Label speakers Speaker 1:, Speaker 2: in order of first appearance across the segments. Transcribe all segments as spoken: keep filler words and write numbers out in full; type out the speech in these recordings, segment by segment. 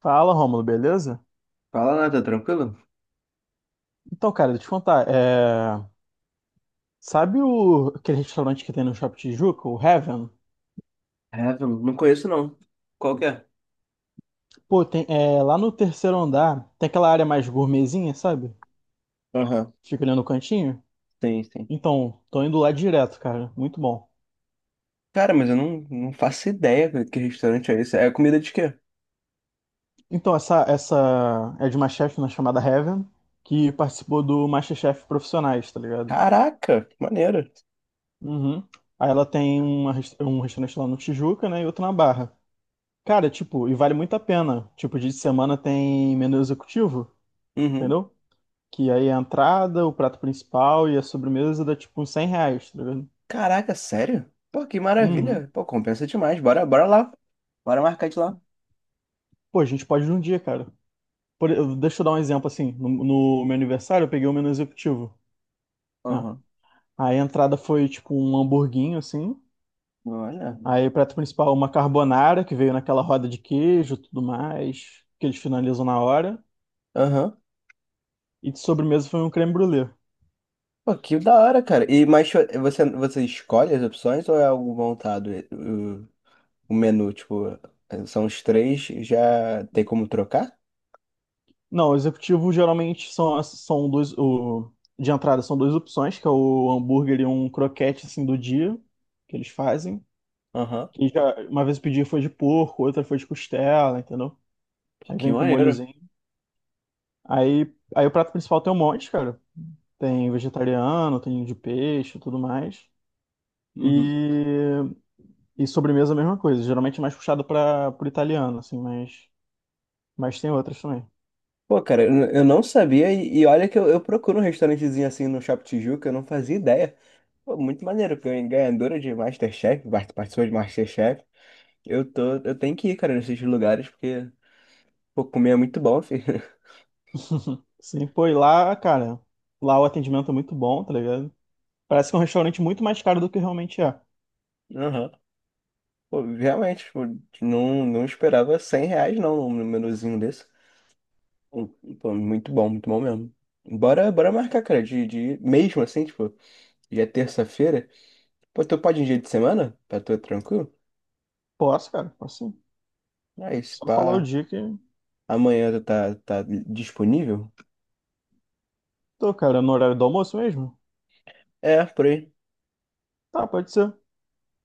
Speaker 1: Fala, Rômulo, beleza?
Speaker 2: Fala, nada tranquilo?
Speaker 1: Então, cara, deixa eu te contar. é, Sabe o... aquele restaurante que tem no Shopping Tijuca, o Heaven?
Speaker 2: Heaven, não conheço não. Qual que é?
Speaker 1: Pô, tem... é, lá no terceiro andar tem aquela área mais gourmetzinha, sabe?
Speaker 2: Aham,
Speaker 1: Fica ali no cantinho.
Speaker 2: tem, tem.
Speaker 1: Então, tô indo lá direto, cara. Muito bom.
Speaker 2: Cara, mas eu não, não faço ideia cara, que restaurante é esse. É comida de quê?
Speaker 1: Então, essa, essa é de uma chefe na chamada Heaven, que participou do MasterChef Profissionais, tá ligado?
Speaker 2: Caraca, que maneiro.
Speaker 1: Uhum. Aí ela tem uma res- um restaurante lá no Tijuca, né? E outro na Barra. Cara, tipo, e vale muito a pena. Tipo, dia de semana tem menu executivo.
Speaker 2: Uhum.
Speaker 1: Entendeu? Que aí a entrada, o prato principal e a sobremesa dá tipo uns cem reais, tá ligado?
Speaker 2: Caraca, sério? Pô, que
Speaker 1: Uhum.
Speaker 2: maravilha. Pô, compensa demais. Bora, bora lá. Bora marcar de lá.
Speaker 1: Pô, a gente pode ir num dia, cara. Por- eu- deixa eu dar um exemplo assim. No, no meu aniversário, eu peguei o menu executivo, né?
Speaker 2: Aham.
Speaker 1: Aí a entrada foi tipo um hamburguinho, assim.
Speaker 2: Olha.
Speaker 1: Aí o prato principal, uma carbonara, que veio naquela roda de queijo e tudo mais, que eles finalizam na hora.
Speaker 2: Aham.
Speaker 1: E de sobremesa foi um creme brulee.
Speaker 2: Pô, que da hora, cara. E mas cho- você, você escolhe as opções ou é algo montado? Uh, o menu, tipo, são os três, já tem como trocar?
Speaker 1: Não, o executivo geralmente são, as- são dois. O, de entrada são duas opções, que é o hambúrguer e um croquete assim do dia que eles fazem.
Speaker 2: Aham.
Speaker 1: Que já, uma vez eu pedi foi de porco, outra foi de costela, entendeu?
Speaker 2: Pô,
Speaker 1: Aí
Speaker 2: que
Speaker 1: vem com um
Speaker 2: maneiro.
Speaker 1: molhozinho. Aí, aí o prato principal tem um monte, cara. Tem vegetariano, tem de peixe, e tudo mais.
Speaker 2: Uhum.
Speaker 1: E, e sobremesa a mesma coisa. Geralmente é mais puxado para pro italiano, assim, mas, mas tem outras também.
Speaker 2: Pô, cara, eu eu não sabia e, e olha que eu, eu procuro um restaurantezinho assim no Shopping Tijuca, eu não fazia ideia. Pô, muito maneiro, porque eu ganhadora de MasterChef, part- participou de MasterChef. Eu tô, eu tenho que ir, cara, nesses lugares, porque, pô, comer é muito bom, filho.
Speaker 1: Sim, pô, e lá, cara, lá o atendimento é muito bom, tá ligado? Parece que é um restaurante muito mais caro do que realmente é.
Speaker 2: Aham. Pô, realmente, tipo, não, não esperava cem reais não, um númerozinho desse. Um- Pô, muito bom, muito bom mesmo. Bora, bora marcar, cara, de, de mesmo assim, tipo, já é terça-feira. Pô, tu pode em dia de semana? Pra tu é tranquilo?
Speaker 1: Posso, cara, posso sim.
Speaker 2: Aí, se
Speaker 1: Só falar o
Speaker 2: pá,
Speaker 1: dia que
Speaker 2: amanhã tu tá, tá disponível?
Speaker 1: tô, cara, no horário do almoço mesmo?
Speaker 2: É, por aí.
Speaker 1: Tá, pode ser.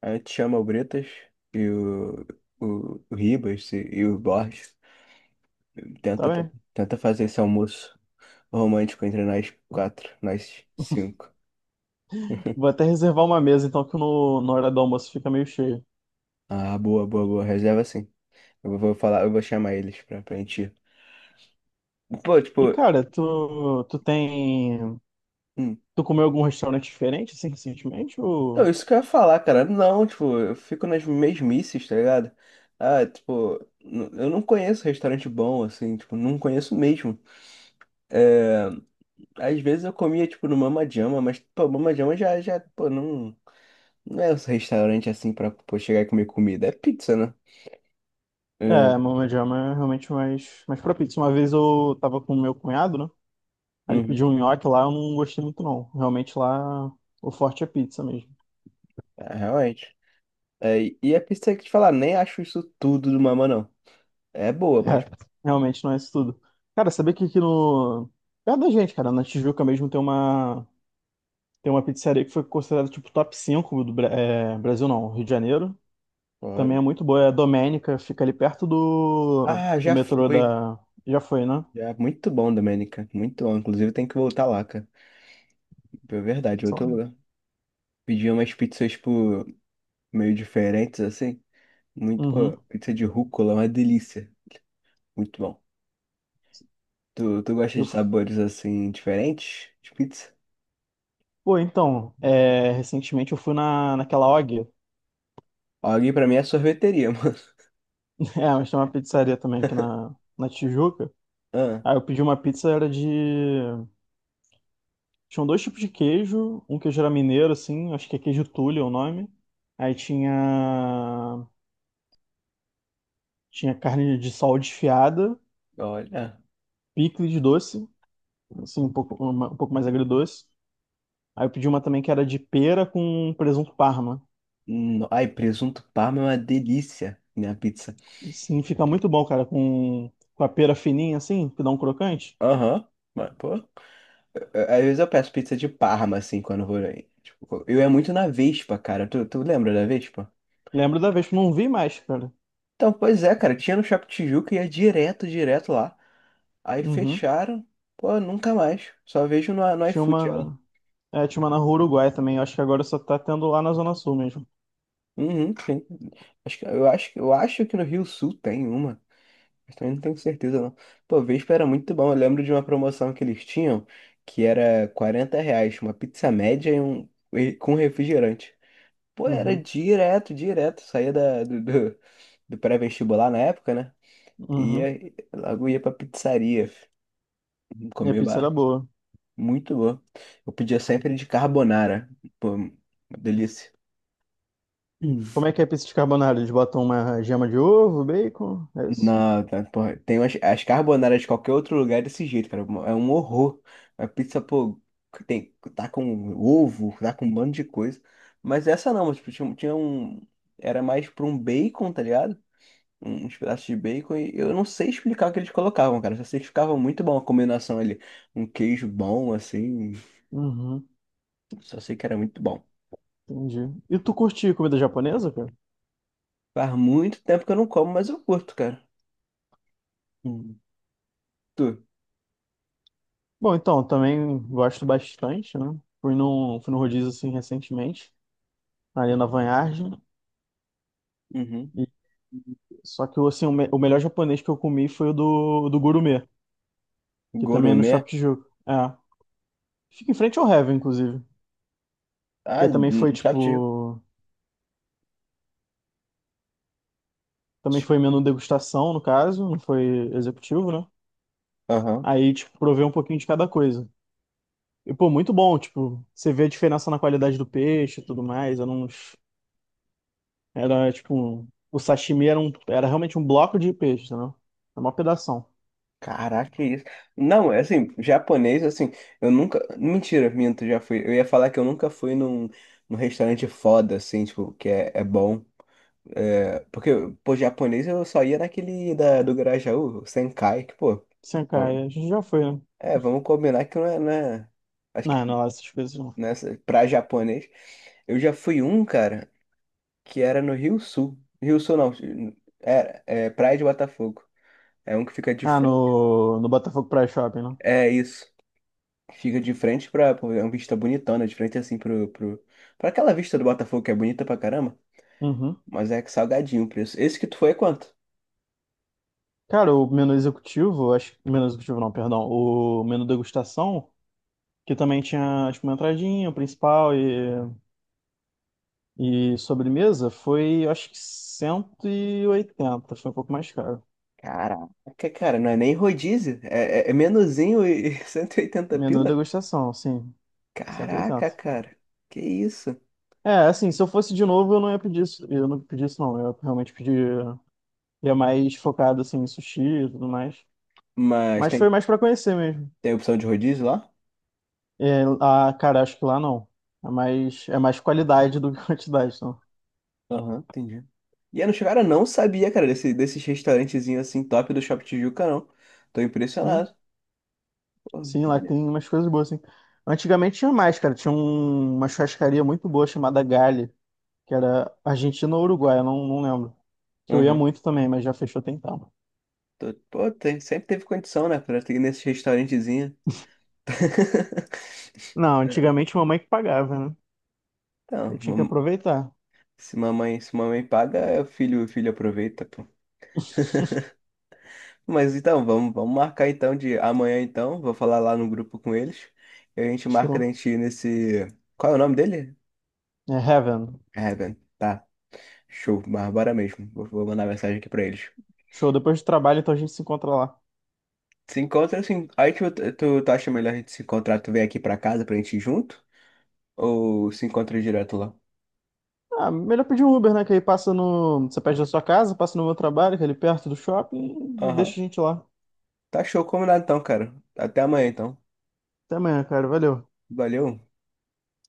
Speaker 2: Aí te chama o Bretas e o, o, o Ribas e, e o Borges.
Speaker 1: Tá
Speaker 2: Tenta,
Speaker 1: bem.
Speaker 2: tenta fazer esse almoço romântico entre nós quatro, nós cinco.
Speaker 1: Vou até reservar uma mesa, então, que no, no horário do almoço fica meio cheio.
Speaker 2: Ah, boa, boa, boa. Reserva sim. Eu vou falar, eu vou chamar eles pra, pra gente ir. Pô,
Speaker 1: E,
Speaker 2: tipo,
Speaker 1: cara, tu, tu tem.
Speaker 2: hum.
Speaker 1: Tu comeu algum restaurante diferente, assim, recentemente?
Speaker 2: Não,
Speaker 1: Ou.
Speaker 2: isso que eu ia falar, cara. Não, tipo, eu fico nas mesmices, tá ligado? Ah, tipo, n- eu não conheço restaurante bom, assim, tipo, não conheço mesmo. É, às vezes eu comia, tipo, no Mama Jama, mas, pô, Mama Jama já, já, pô, não, não é um restaurante assim pra, pô, chegar e comer comida. É pizza, né? É,
Speaker 1: É, Mama Jama é realmente mais, mais propício. Uma vez eu tava com o meu cunhado, né? Aí ele
Speaker 2: uhum.
Speaker 1: pediu um nhoque lá, eu não gostei muito, não. Realmente lá, o forte é pizza mesmo.
Speaker 2: É, realmente. É, e a pizza que te falar, nem acho isso tudo do Mama, não. É boa,
Speaker 1: É,
Speaker 2: mas.
Speaker 1: realmente não é isso tudo. Cara, sabia que aqui no. Perto da gente, cara, na Tijuca mesmo tem uma, tem uma pizzaria que foi considerada tipo top cinco do Bra- é, Brasil, não, Rio de Janeiro. Também é
Speaker 2: Olha.
Speaker 1: muito boa, é a Domênica, fica ali perto do,
Speaker 2: Ah,
Speaker 1: do
Speaker 2: já
Speaker 1: metrô
Speaker 2: fui.
Speaker 1: da. Já foi, né?
Speaker 2: Já, muito bom, Domênica. Muito bom. Inclusive, tem que voltar lá, cara. É
Speaker 1: Sei
Speaker 2: verdade, outro lugar.
Speaker 1: lá.
Speaker 2: Pedi umas pizzas, tipo, meio diferentes, assim. Muito,
Speaker 1: Uhum.
Speaker 2: pô, pizza de rúcula, é uma delícia. Muito bom. Tu, tu gosta
Speaker 1: Eu...
Speaker 2: de
Speaker 1: f-
Speaker 2: sabores, assim, diferentes de pizza?
Speaker 1: Pô, então, é, recentemente eu fui na, naquela O G.
Speaker 2: Alguém pra mim é sorveteria, mano.
Speaker 1: É, mas tem uma pizzaria também aqui na, na Tijuca.
Speaker 2: Ah,
Speaker 1: Aí eu pedi uma pizza, era de. Tinham dois tipos de queijo, um queijo era mineiro, assim, acho que é queijo Tully é o nome. Aí tinha tinha carne de sol desfiada,
Speaker 2: olha.
Speaker 1: picles de doce, assim, um pouco, uma- um pouco mais agridoce. Aí eu pedi uma também que era de pera com presunto parma.
Speaker 2: No- Ai, presunto parma é uma delícia, minha pizza.
Speaker 1: Sim, fica muito bom, cara, com, com a pera fininha, assim, que dá um crocante.
Speaker 2: Aham. Mas, pô. Eu- Às vezes eu peço pizza de Parma, assim, quando eu vou aí. Tipo, eu ia muito na Vespa, cara. Tu, tu lembra da Vespa?
Speaker 1: Lembro da vez, que não vi mais, cara.
Speaker 2: Então, pois é, cara. Tinha no Shopping Tijuca e ia direto, direto lá. Aí
Speaker 1: Uhum.
Speaker 2: fecharam. Pô, nunca mais. Só vejo no, no
Speaker 1: Tinha
Speaker 2: iFood ela.
Speaker 1: uma, é, tinha uma na Rua Uruguai também, acho que agora só tá tendo lá na Zona Sul mesmo.
Speaker 2: Uhum, sim. Acho que, eu acho, que- eu acho que no Rio Sul tem uma. Mas também não tenho certeza, não. Pô, Vespa era muito bom. Eu lembro de uma promoção que eles tinham, que era quarenta reais, uma pizza média e um, e- com refrigerante. Pô, era
Speaker 1: Uhum,
Speaker 2: direto, direto. Saía da, do, do, do pré-vestibular na época, né? E
Speaker 1: uhum.
Speaker 2: Ia, logo ia pra pizzaria.
Speaker 1: E a
Speaker 2: Comia
Speaker 1: pizza era
Speaker 2: ba-
Speaker 1: boa.
Speaker 2: muito bom. Eu pedia sempre de carbonara. Pô, uma delícia. Hum.
Speaker 1: Como é que é pizza de carbonara? Eles botam uma gema de ovo, bacon, é isso?
Speaker 2: Não, tá, porra, tem as, as carbonaras de qualquer outro lugar é desse jeito, cara. É um horror. A pizza, pô, tem, tá com ovo, tá com um bando de coisa. Mas essa não, mas, tipo, tinha, tinha um. Era mais pra um bacon, tá ligado? Uns pedaços de bacon e eu não sei explicar o que eles colocavam, cara. Só sei que ficava muito bom a combinação ali. Um queijo bom, assim.
Speaker 1: Uhum,
Speaker 2: Só sei que era muito bom.
Speaker 1: entendi. E tu curte comida japonesa, cara?
Speaker 2: Faz muito tempo que eu não como, mas eu curto, cara. Hum. Tu?
Speaker 1: Bom, então, também gosto bastante, né? Fui num, fui num rodízio, assim, recentemente, ali na Vanhagem.
Speaker 2: Uhum.
Speaker 1: E... Só que, assim, o, me- o melhor japonês que eu comi foi o do, do Gourmet, que também é no
Speaker 2: Gourmet?
Speaker 1: Shop Tijuca. É. Fica em frente ao Heaven, inclusive. Que
Speaker 2: Ah,
Speaker 1: aí
Speaker 2: hum,
Speaker 1: também foi,
Speaker 2: já tive.
Speaker 1: tipo... Também foi menu degustação, no caso, não foi executivo, né?
Speaker 2: Aham.
Speaker 1: Aí, tipo, provei um pouquinho de cada coisa. E, pô, muito bom, tipo, você vê a diferença na qualidade do peixe e tudo mais. Era uns. Era tipo. um- O sashimi era, um, era realmente um bloco de peixe, entendeu? Era uma pedação.
Speaker 2: Caraca, que isso. Não, é assim, japonês, assim, eu nunca. Mentira, minto, já fui. Eu ia falar que eu nunca fui num, num restaurante foda, assim, tipo, que é, é bom. É, porque, pô, japonês eu só ia naquele da, do Grajaú, o Senkai, que, pô,
Speaker 1: Sem
Speaker 2: bom,
Speaker 1: cair, a gente já foi, né?
Speaker 2: é, vamos combinar que não é, não é- acho
Speaker 1: Não, não,
Speaker 2: que
Speaker 1: lá essas coisas não.
Speaker 2: nessa, pra japonês, eu já fui um, cara, que era no Rio Sul, Rio Sul não, era, é Praia de Botafogo, é um que fica de
Speaker 1: Ah,
Speaker 2: frente,
Speaker 1: no, no Botafogo Praia Shopping, né?
Speaker 2: é isso, fica de frente pra, pô, é uma vista bonitona, de frente assim pro, pro, pra aquela vista do Botafogo que é bonita pra caramba,
Speaker 1: Uhum.
Speaker 2: mas é que salgadinho o preço, esse que tu foi é quanto?
Speaker 1: Cara, o menu executivo, acho que. Menu executivo não, perdão. O menu degustação, que também tinha, tipo, uma entradinha, o principal e, e sobremesa, foi, acho que cento e oitenta. Foi um pouco mais caro.
Speaker 2: Caraca, cara, não é nem rodízio. É, é, é menuzinho e cento e oitenta
Speaker 1: Menu
Speaker 2: pila?
Speaker 1: degustação, sim. Certo,
Speaker 2: Caraca,
Speaker 1: exato.
Speaker 2: cara. Que isso?
Speaker 1: É, assim, se eu fosse de novo, eu não ia pedir isso. Eu não pedi isso, não. Eu realmente pedi. Ia mais focado, assim, em sushi e tudo mais.
Speaker 2: Mas
Speaker 1: Mas foi
Speaker 2: tem,
Speaker 1: mais pra conhecer mesmo.
Speaker 2: tem opção de rodízio lá?
Speaker 1: É, ah, cara, acho que lá não. É mais, é mais qualidade do que quantidade, então.
Speaker 2: Aham, entendi. E eu não, cara, não sabia, cara, desse, desses restaurantezinhos assim top do Shopping Tijuca, não. Tô
Speaker 1: Sim,
Speaker 2: impressionado. Pô,
Speaker 1: sim, lá
Speaker 2: maneiro.
Speaker 1: tem umas coisas boas, assim. Antigamente tinha mais, cara. Tinha um- uma churrascaria muito boa chamada Gali, que era Argentina ou Uruguai, eu não, não lembro. Que eu ia
Speaker 2: Aham.
Speaker 1: muito também, mas já fechou tem tempo.
Speaker 2: Tô- Pô, tem, sempre teve condição, né, pra ter nesse restaurantezinho.
Speaker 1: Não, antigamente mamãe que pagava, né? Aí
Speaker 2: Então,
Speaker 1: tinha que
Speaker 2: mam-
Speaker 1: aproveitar.
Speaker 2: se mamãe, se mamãe paga, é o filho, o filho aproveita, pô. Mas então, vamos, vamos marcar então de amanhã então. Vou falar lá no grupo com eles. E a gente marca a
Speaker 1: Show.
Speaker 2: gente ir nesse. Qual é o nome dele?
Speaker 1: É Heaven.
Speaker 2: Evan. Tá. Show. Bárbara mesmo. Vou, vou mandar mensagem aqui pra eles.
Speaker 1: Show. Depois do trabalho, então a gente se encontra lá.
Speaker 2: Se encontra assim. Aí tu, tu, tu acha melhor a gente se encontrar, tu vem aqui pra casa pra gente ir junto? Ou se encontra direto lá?
Speaker 1: Ah, melhor pedir um Uber, né? Que aí passa no. Você pede da sua casa, passa no meu trabalho, que é ali perto do shopping, e
Speaker 2: Aham.
Speaker 1: deixa a gente lá.
Speaker 2: Tá show, combinado então, cara. Até amanhã então.
Speaker 1: Até amanhã, cara. Valeu.
Speaker 2: Valeu.